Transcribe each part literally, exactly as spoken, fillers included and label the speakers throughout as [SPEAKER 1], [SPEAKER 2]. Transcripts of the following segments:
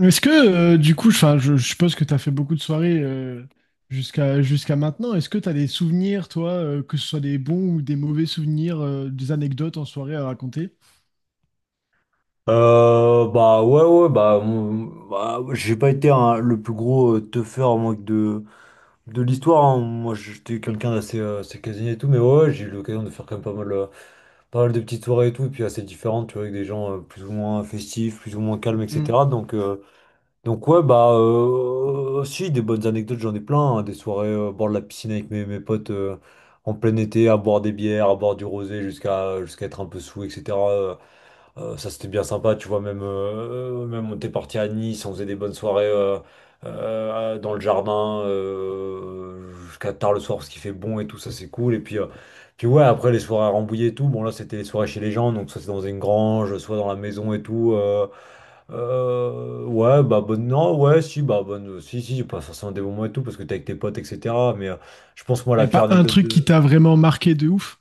[SPEAKER 1] Est-ce que, euh, du coup, enfin, je, je suppose que tu as fait beaucoup de soirées euh, jusqu'à jusqu'à maintenant. Est-ce que tu as des souvenirs, toi, euh, que ce soit des bons ou des mauvais souvenirs, euh, des anecdotes en soirée à raconter?
[SPEAKER 2] Euh, bah ouais ouais bah, mon- bah, j'ai pas été un- le plus gros euh, teufeur moi, de de l'histoire hein. Moi j'étais quelqu'un d'assez euh, assez casanier et tout mais ouais ouais, j'ai eu l'occasion de faire quand même pas mal euh, pas mal de petites soirées et tout et puis assez différentes tu vois avec des gens euh, plus ou moins festifs plus ou moins calmes etc
[SPEAKER 1] Il
[SPEAKER 2] donc euh, donc ouais bah euh, si des bonnes anecdotes j'en ai plein hein. Des soirées euh, au bord de la piscine avec mes mes potes euh, en plein été à boire des bières à boire du rosé jusqu'à jusqu'à être un peu saoul etc euh, ça c'était bien sympa, tu vois, même, euh, même on était parti à Nice, on faisait des bonnes soirées euh, euh, dans le jardin euh, jusqu'à tard le soir parce qu'il fait bon et tout, ça c'est cool. Et puis, euh, puis ouais, après les soirées à Rambouillet et tout, bon là c'était les soirées chez les gens, donc soit c'est dans une grange, soit dans la maison et tout. Euh, euh, ouais, bah bonne, non, ouais, si, bah bonne, si, si, pas forcément des bons moments et tout parce que t'es avec tes potes, et cetera. Mais euh, je pense moi
[SPEAKER 1] n'y
[SPEAKER 2] la
[SPEAKER 1] a
[SPEAKER 2] pire
[SPEAKER 1] pas un
[SPEAKER 2] anecdote
[SPEAKER 1] truc qui
[SPEAKER 2] de...
[SPEAKER 1] t'a vraiment marqué de ouf?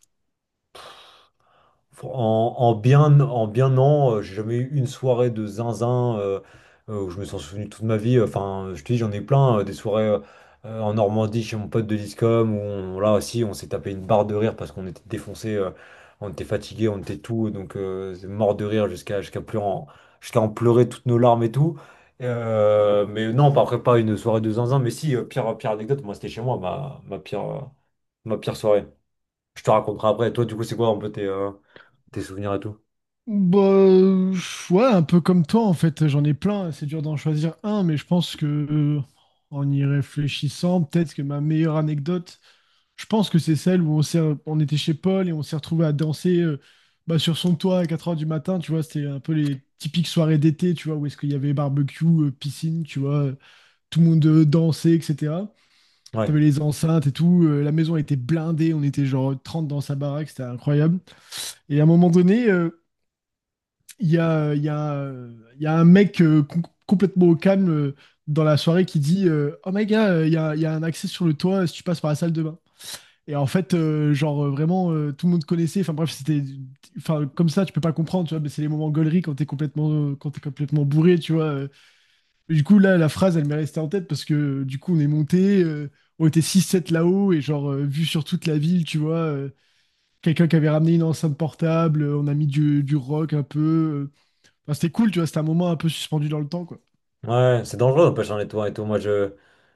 [SPEAKER 2] En, en bien, en bien non, euh, j'ai jamais eu une soirée de zinzin euh, euh, où je me suis souvenu toute ma vie. Enfin, je te dis, j'en ai plein, euh, des soirées euh, euh, en Normandie chez mon pote de l'ISCOM où on- là aussi on s'est tapé une barre de rire parce qu'on était défoncé, euh, on était fatigué, on était tout, donc euh, c'est mort de rire jusqu'à jusqu'à pleurer, en- jusqu'à en pleurer toutes nos larmes et tout. Euh, mais non, pas- après pas une soirée de zinzin, mais si, euh, pire, euh, pire anecdote, moi c'était chez moi, ma, ma pire, euh, ma pire soirée. Je te raconterai après. Toi, du coup, c'est quoi un peu tes, euh, tes souvenirs et tout?
[SPEAKER 1] Bah, euh, ouais, un peu comme toi, en fait. J'en ai plein. C'est dur d'en choisir un, mais je pense que, euh, en y réfléchissant, peut-être que ma meilleure anecdote. Je pense que c'est celle où on s'est, on était chez Paul et on s'est retrouvé à danser euh, bah, sur son toit à quatre heures du matin, tu vois, c'était un peu les typiques soirées d'été, tu vois, où est-ce qu'il y avait barbecue, euh, piscine, tu vois, euh, tout le monde euh, dansait, et cetera.
[SPEAKER 2] Ouais,
[SPEAKER 1] T'avais les enceintes et tout, euh, la maison était blindée, on était genre trente dans sa baraque, c'était incroyable. Et à un moment donné, euh, il y a, il y a, euh, il y a un mec euh, com- complètement au calme euh, dans la soirée qui dit euh, Oh my gars, euh, il y a, il y a un accès sur le toit si tu passes par la salle de bain. Et en fait, euh, genre euh, vraiment, euh, tout le monde connaissait. Enfin bref, c'était, enfin comme ça, tu peux pas comprendre, tu vois. Mais c'est les moments gaulerie quand t'es complètement, euh, quand t'es complètement bourré, tu vois. euh. Et du coup là, la phrase, elle m'est restée en tête parce que euh, du coup, on est monté, euh, on était six sept là-haut et genre euh, vu sur toute la ville, tu vois. euh, Quelqu'un qui avait ramené une enceinte portable, euh, on a mis du, du rock un peu. euh. Enfin, c'était cool, tu vois. C'était un moment un peu suspendu dans le temps, quoi.
[SPEAKER 2] ouais, c'est dangereux d'empêcher un étoile et tout. Moi, je,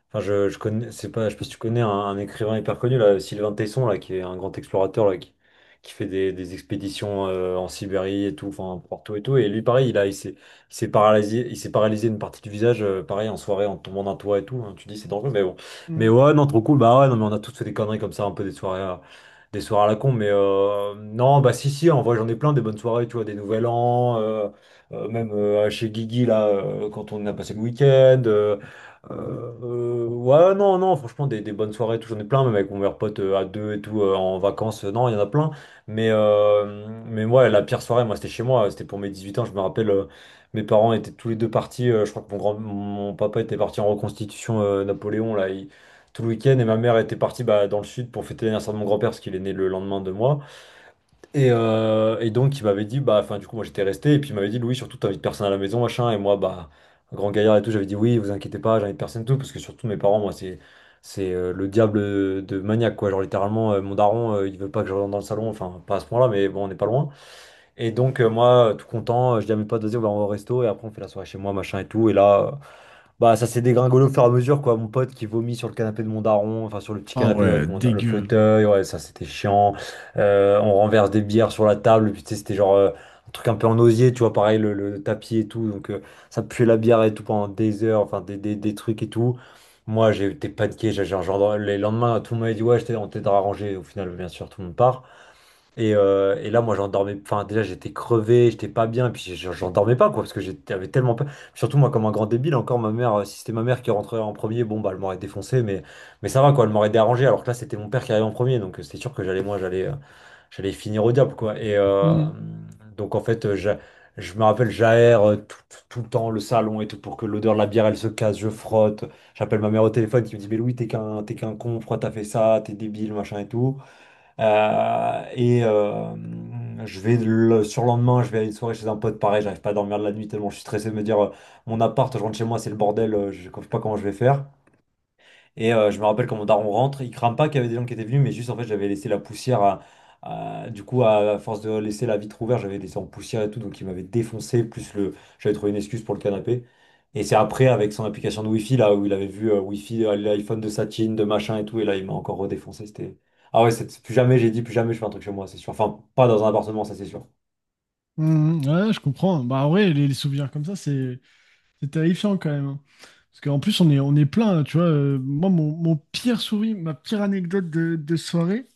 [SPEAKER 2] enfin, je, je connais, c'est pas, je sais pas si tu connais un, un écrivain hyper connu là, Sylvain Tesson là, qui est un grand explorateur là, qui, qui fait des, des expéditions euh, en Sibérie et tout, enfin partout et tout. Et lui, pareil, il a, il s'est, il s'est paralysé, il s'est paralysé une partie du visage, euh, pareil en soirée en tombant d'un toit et tout. Hein. Tu dis c'est dangereux, mais bon. Mais
[SPEAKER 1] Mm.
[SPEAKER 2] ouais, non, trop cool. Bah ouais, non, mais on a tous fait des conneries comme ça, un peu des soirées. à- Des soirées à la con, mais euh, non, bah si, si, en vrai, j'en ai plein des bonnes soirées, tu vois, des Nouvel An, euh, euh, même euh, chez Guigui, là, euh, quand on a passé le week-end. Euh, euh, ouais, non, non, franchement, des, des bonnes soirées, tout, j'en ai plein, même avec mon meilleur pote euh, à deux et tout, euh, en vacances, euh, non, il y en a plein. Mais, euh, mais ouais, la pire soirée, moi, c'était chez moi, c'était pour mes dix-huit ans, je me rappelle, euh, mes parents étaient tous les deux partis, euh, je crois que mon grand, mon papa était parti en reconstitution euh, Napoléon, là, il- tout le week-end, et ma mère était partie bah, dans le sud pour fêter l'anniversaire de mon grand-père, parce qu'il est né le lendemain de moi. Et, euh, et donc, il m'avait dit, bah, enfin, du coup, moi j'étais resté, et puis il m'avait dit, Louis, surtout, t'invites personne à la maison, machin, et moi, bah, un grand gaillard et tout, j'avais dit, oui, vous inquiétez pas, j'invite personne et tout, parce que surtout, mes parents, moi, c'est c'est euh, le diable de maniaque, quoi. Genre, littéralement, euh, mon daron, euh, il veut pas que je rentre dans le salon, enfin, pas à ce point-là, mais bon, on n'est pas loin. Et donc, euh, moi, euh, tout content, euh, je dis à mes potes, vas-y, on va au resto, et après, on fait la soirée chez moi, machin et tout, et là. Euh, bah, ça s'est dégringolé au fur et à mesure, quoi. Mon pote qui vomit sur le canapé de mon daron, enfin sur le petit
[SPEAKER 1] Ah
[SPEAKER 2] canapé ouais, de
[SPEAKER 1] ouais,
[SPEAKER 2] mon da- le
[SPEAKER 1] dégueu.
[SPEAKER 2] fauteuil, ouais, ça c'était chiant. Euh, on renverse des bières sur la table, puis tu sais, c'était genre euh, un truc un peu en osier, tu vois, pareil, le, le tapis et tout. Donc euh, ça puait la bière et tout pendant des heures, enfin des, des, des trucs et tout. Moi, j'ai été paniqué, j'ai j'ai- genre, les lendemains, tout le monde m'avait dit, ouais, je t'ai- on t'aidera à ranger. Au final, bien sûr, tout le monde part. Et, euh, et là, moi, j'en dormais. Enfin, déjà, j'étais crevé, j'étais pas bien, et puis j'en j'en dormais pas, quoi, parce que j'étais- j'avais tellement peur. Surtout, moi, comme un grand débile, encore ma mère, euh, si c'était ma mère qui rentrait en premier, bon, bah, elle m'aurait défoncé, mais, mais ça va, quoi, elle m'aurait dérangé, alors que là, c'était mon père qui arrivait en premier, donc euh, c'est sûr que j'allais, moi, j'allais euh, j'allais finir au diable, quoi. Et euh,
[SPEAKER 1] Mm.
[SPEAKER 2] donc, en fait, euh, j'a- je me rappelle, j'aère euh, tout, tout- tout le temps le salon et tout pour que l'odeur de la bière, elle se casse, je frotte. J'appelle ma mère au téléphone qui me dit, mais Louis, t'es qu'un, t'es qu'un con, pourquoi t'as fait ça, t'es débile, machin et tout. Euh, et euh, je vais le surlendemain, je vais à une soirée chez un pote, pareil, j'arrive pas à dormir de la nuit tellement je suis stressé de me dire euh, mon appart, je rentre chez moi, c'est le bordel, euh, je ne sais pas comment je vais faire. Et euh, je me rappelle quand mon daron rentre, il crame pas qu'il y avait des gens qui étaient venus, mais juste en fait j'avais laissé la poussière, à- à- du coup à force de laisser la vitre ouverte, j'avais laissé en poussière et tout, donc il m'avait défoncé, plus le, j'avais trouvé une excuse pour le canapé. Et c'est après avec son application de Wi-Fi là où il avait vu euh, Wi-Fi, euh, l'iPhone de Satine, de machin et tout, et là il m'a encore redéfoncé, c'était... Ah ouais, c'est- plus jamais j'ai dit, plus jamais je fais un truc chez moi, c'est sûr. Enfin, pas dans un appartement, ça c'est sûr.
[SPEAKER 1] Mm. Ouais, je comprends. Bah, en vrai, les, les souvenirs comme ça, c'est c'est terrifiant quand même. Hein. Parce qu'en plus, on est, on est plein, tu vois. Euh, moi, mon, mon pire souvenir, ma pire anecdote de, de soirée,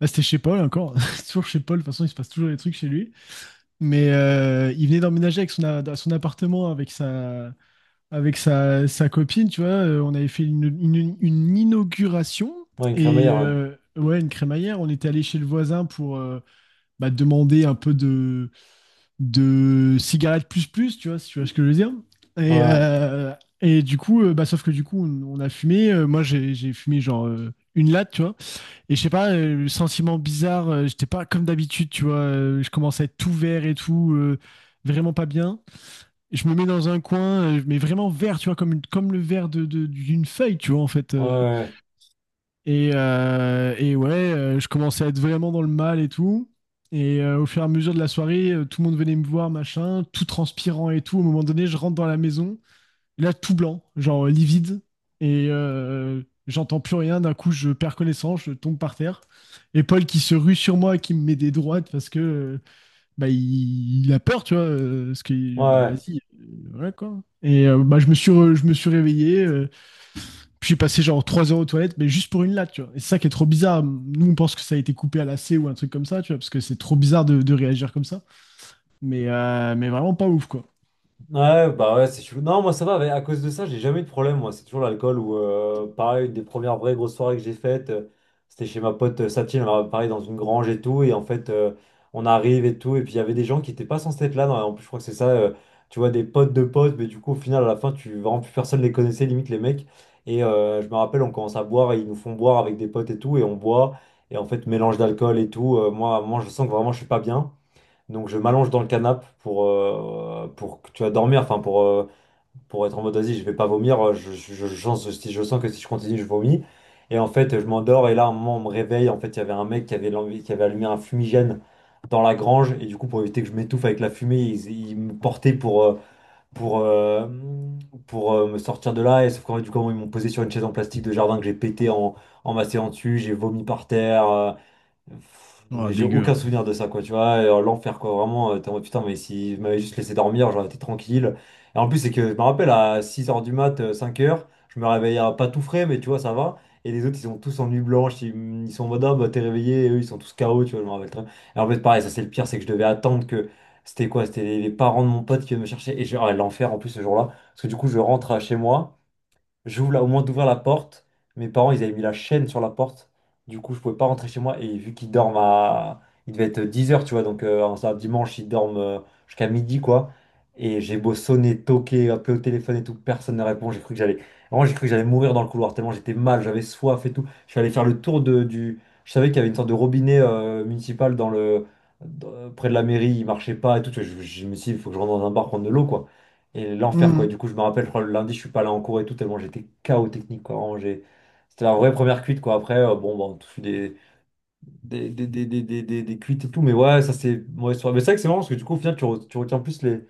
[SPEAKER 1] bah c'était chez Paul encore. C'est toujours chez Paul. De toute façon, il se passe toujours des trucs chez lui. Mais euh, il venait d'emménager avec son, a- dans son appartement avec sa, avec sa, sa copine, tu vois. Euh, On avait fait une, une- une inauguration
[SPEAKER 2] Ouais, une
[SPEAKER 1] et
[SPEAKER 2] crémaillère, ouais.
[SPEAKER 1] euh, ouais, une crémaillère. On était allé chez le voisin pour euh, bah, demander un peu de, de cigarettes plus plus, tu vois, si tu vois ce que je veux dire. Et,
[SPEAKER 2] Ouais,
[SPEAKER 1] euh, et du coup, euh, bah, sauf que du coup, on, on a fumé. Euh, moi, j'ai j'ai fumé genre euh, une latte, tu vois. Et je sais pas, euh, le sentiment bizarre, euh, j'étais pas comme d'habitude, tu vois, euh, je commence à être tout vert et tout, euh, vraiment pas bien. Et je me mets dans un coin, euh, mais vraiment vert, tu vois, comme, une- comme le vert de, de- d'une feuille, tu vois, en fait.
[SPEAKER 2] ouais,
[SPEAKER 1] euh.
[SPEAKER 2] ouais.
[SPEAKER 1] et, euh, et ouais, euh, je commençais à être vraiment dans le mal et tout. Et euh, au fur et à mesure de la soirée, euh, tout le monde venait me voir, machin, tout transpirant et tout. Au moment donné, je rentre dans la maison. Là, tout blanc, genre livide. Et euh, J'entends plus rien. D'un coup, je perds connaissance, je tombe par terre. Et Paul qui se rue sur moi, et qui me met des droites parce que euh, bah, il, il a peur, tu vois. euh, Parce
[SPEAKER 2] Ouais.
[SPEAKER 1] que, bah
[SPEAKER 2] Ouais.
[SPEAKER 1] vas-y, euh, voilà quoi. Et euh, bah, je me suis, re- je me suis réveillé. Euh, puis j'ai passé genre trois heures aux toilettes, mais juste pour une latte, tu vois. Et c'est ça qui est trop bizarre. Nous, on pense que ça a été coupé à la C ou un truc comme ça, tu vois, parce que c'est trop bizarre de, de réagir comme ça. Mais, euh, mais vraiment pas ouf, quoi.
[SPEAKER 2] Ouais, bah ouais, c'est chelou. Non, moi ça va, mais à cause de ça, j'ai jamais eu de problème, moi. C'est toujours l'alcool ou euh, pareil, une des premières vraies grosses soirées que j'ai faites, euh, c'était chez ma pote euh, Satine, alors, pareil, dans une grange et tout. Et en fait, euh, on arrive et tout. Et puis il y avait des gens qui étaient pas censés être là. Non, en plus, je crois que c'est ça, euh, tu vois, des potes de potes, mais du coup, au final, à la fin, tu vraiment plus personne les connaissait, limite les mecs. Et euh, je me rappelle, on commence à boire et ils nous font boire avec des potes et tout. Et on boit, et en fait, mélange d'alcool et tout. euh, moi, moi, je sens que vraiment je suis pas bien. Donc je m'allonge dans le canapé pour, euh, pour que tu vas dormir, enfin pour, euh, pour être en mode vas-y, je vais pas vomir, euh, je, je, je, je- si je sens que si je continue, je vomis. Et en fait, je m'endors et là, à un moment, on me réveille. En fait, il y avait un mec qui avait, l'envie- qui avait allumé un fumigène dans la grange. Et du coup, pour éviter que je m'étouffe avec la fumée, il, il me portait pour, euh, pour, euh, pour euh, me sortir de là. Et sauf qu'en fait, du coup, ils m'ont posé sur une chaise en plastique de jardin que j'ai pété en, en m'asseyant dessus. J'ai vomi par terre. Euh,
[SPEAKER 1] Oh,
[SPEAKER 2] j'ai
[SPEAKER 1] dégueu.
[SPEAKER 2] aucun
[SPEAKER 1] Hein.
[SPEAKER 2] souvenir de ça, quoi, tu vois. et, euh, L'enfer, quoi, vraiment. euh, T'es en mode, putain, mais si je m'avais juste laissé dormir, j'aurais été tranquille. Et en plus, c'est que je me rappelle à six heures du mat, euh, cinq heures je me réveillais euh, pas tout frais, mais tu vois, ça va. Et les autres, ils sont tous en nuit blanche, ils, ils sont en mode, ah, bah, t'es réveillé, et eux, ils sont tous K O, tu vois, je me rappelle très bien. Et en fait, pareil, ça, c'est le pire, c'est que je devais attendre que. C'était quoi? C'était les, les parents de mon pote qui venaient me chercher. Et j'ai, ah, l'enfer en plus ce jour-là. Parce que du coup, je rentre à chez moi. J'ouvre la- au moment d'ouvrir la porte, mes parents ils avaient mis la chaîne sur la porte. Du coup, je pouvais pas rentrer chez moi et vu qu'ils dorment à. Il devait être dix heures tu vois, donc euh, un samedi, dimanche, ils dorment euh, jusqu'à midi, quoi. Et j'ai beau sonner, toquer, appeler au téléphone et tout, personne ne répond. J'ai cru que j'allais. Vraiment, j'ai cru que j'allais mourir dans le couloir, tellement j'étais mal, j'avais soif et tout. Je suis allé faire le tour de, du. Je savais qu'il y avait une sorte de robinet euh, municipal dans le. Dans- près de la mairie, il marchait pas et tout. Tu vois, Je, je me suis dit, il faut que je rentre dans un bar prendre de l'eau, quoi. Et l'enfer, quoi. Et
[SPEAKER 1] Mhm.
[SPEAKER 2] du coup, je me rappelle, je crois, le lundi, je suis pas là en cours et tout, tellement j'étais K O technique, quoi. Vraiment, j'ai- C'était la vraie première cuite, quoi. Après, euh, bon, bah, on touche des, des, des, des, des, des, des- des cuites et tout, mais ouais, ça c'est mauvaise soirée. Mais c'est vrai que c'est marrant parce que du coup, au final, tu, re- tu retiens plus les,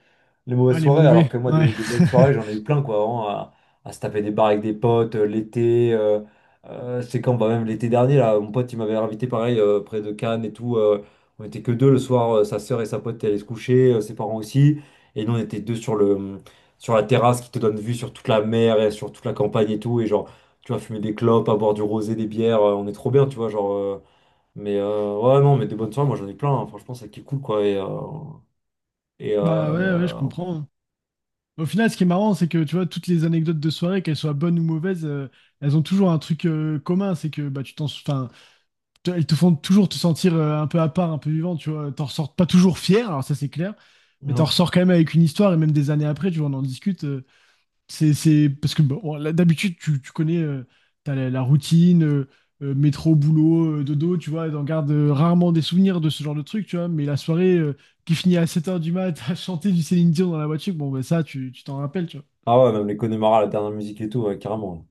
[SPEAKER 2] les mauvaises
[SPEAKER 1] Ouais, les
[SPEAKER 2] soirées, alors
[SPEAKER 1] mauvais.
[SPEAKER 2] que moi,
[SPEAKER 1] Ouais.
[SPEAKER 2] des, des bonnes soirées, j'en ai eu plein, quoi, vraiment, à, à se taper des bars avec des potes, euh, l'été, euh, euh, je sais quand, bah, même l'été dernier, là, mon pote, il m'avait invité, pareil, euh, près de Cannes et tout, euh, on était que deux le soir, euh, sa sœur et sa pote allaient se coucher, euh, ses parents aussi, et nous, on était deux sur le, sur la terrasse qui te donne vue sur toute la mer et sur toute la campagne et tout, et genre, tu vois, fumer des clopes, à boire du rosé, des bières, euh, on est trop bien, tu vois, genre... euh, mais euh, ouais, non, mais des bonnes soirées, moi j'en ai plein, hein. Franchement, c'est qui est cool quoi. Et, euh, et
[SPEAKER 1] Bah ouais, ouais, je
[SPEAKER 2] euh,
[SPEAKER 1] comprends. Au final, ce qui est marrant, c'est que tu vois, toutes les anecdotes de soirée, qu'elles soient bonnes ou mauvaises, euh, elles ont toujours un truc euh, commun, c'est que bah, tu t'en, enfin, te- elles te font toujours te sentir euh, un peu à part, un peu vivant, tu vois. T'en ressors pas toujours fier, alors ça c'est clair, mais t'en
[SPEAKER 2] non.
[SPEAKER 1] ressors quand même avec une histoire, et même des années après, tu vois, on en discute. Euh, c'est, c'est parce que bon, là, d'habitude, tu, tu connais, euh, t'as la, la routine, euh, euh, métro, boulot, euh, dodo, tu vois, t'en gardes euh, rarement des souvenirs de ce genre de truc, tu vois, mais la soirée euh, qui finit à sept heures du mat à chanter du Céline Dion dans la voiture, bon, bah, ça, tu tu t'en rappelles, tu vois.
[SPEAKER 2] Ah ouais, même les Connemara, la dernière musique et tout, ouais, carrément.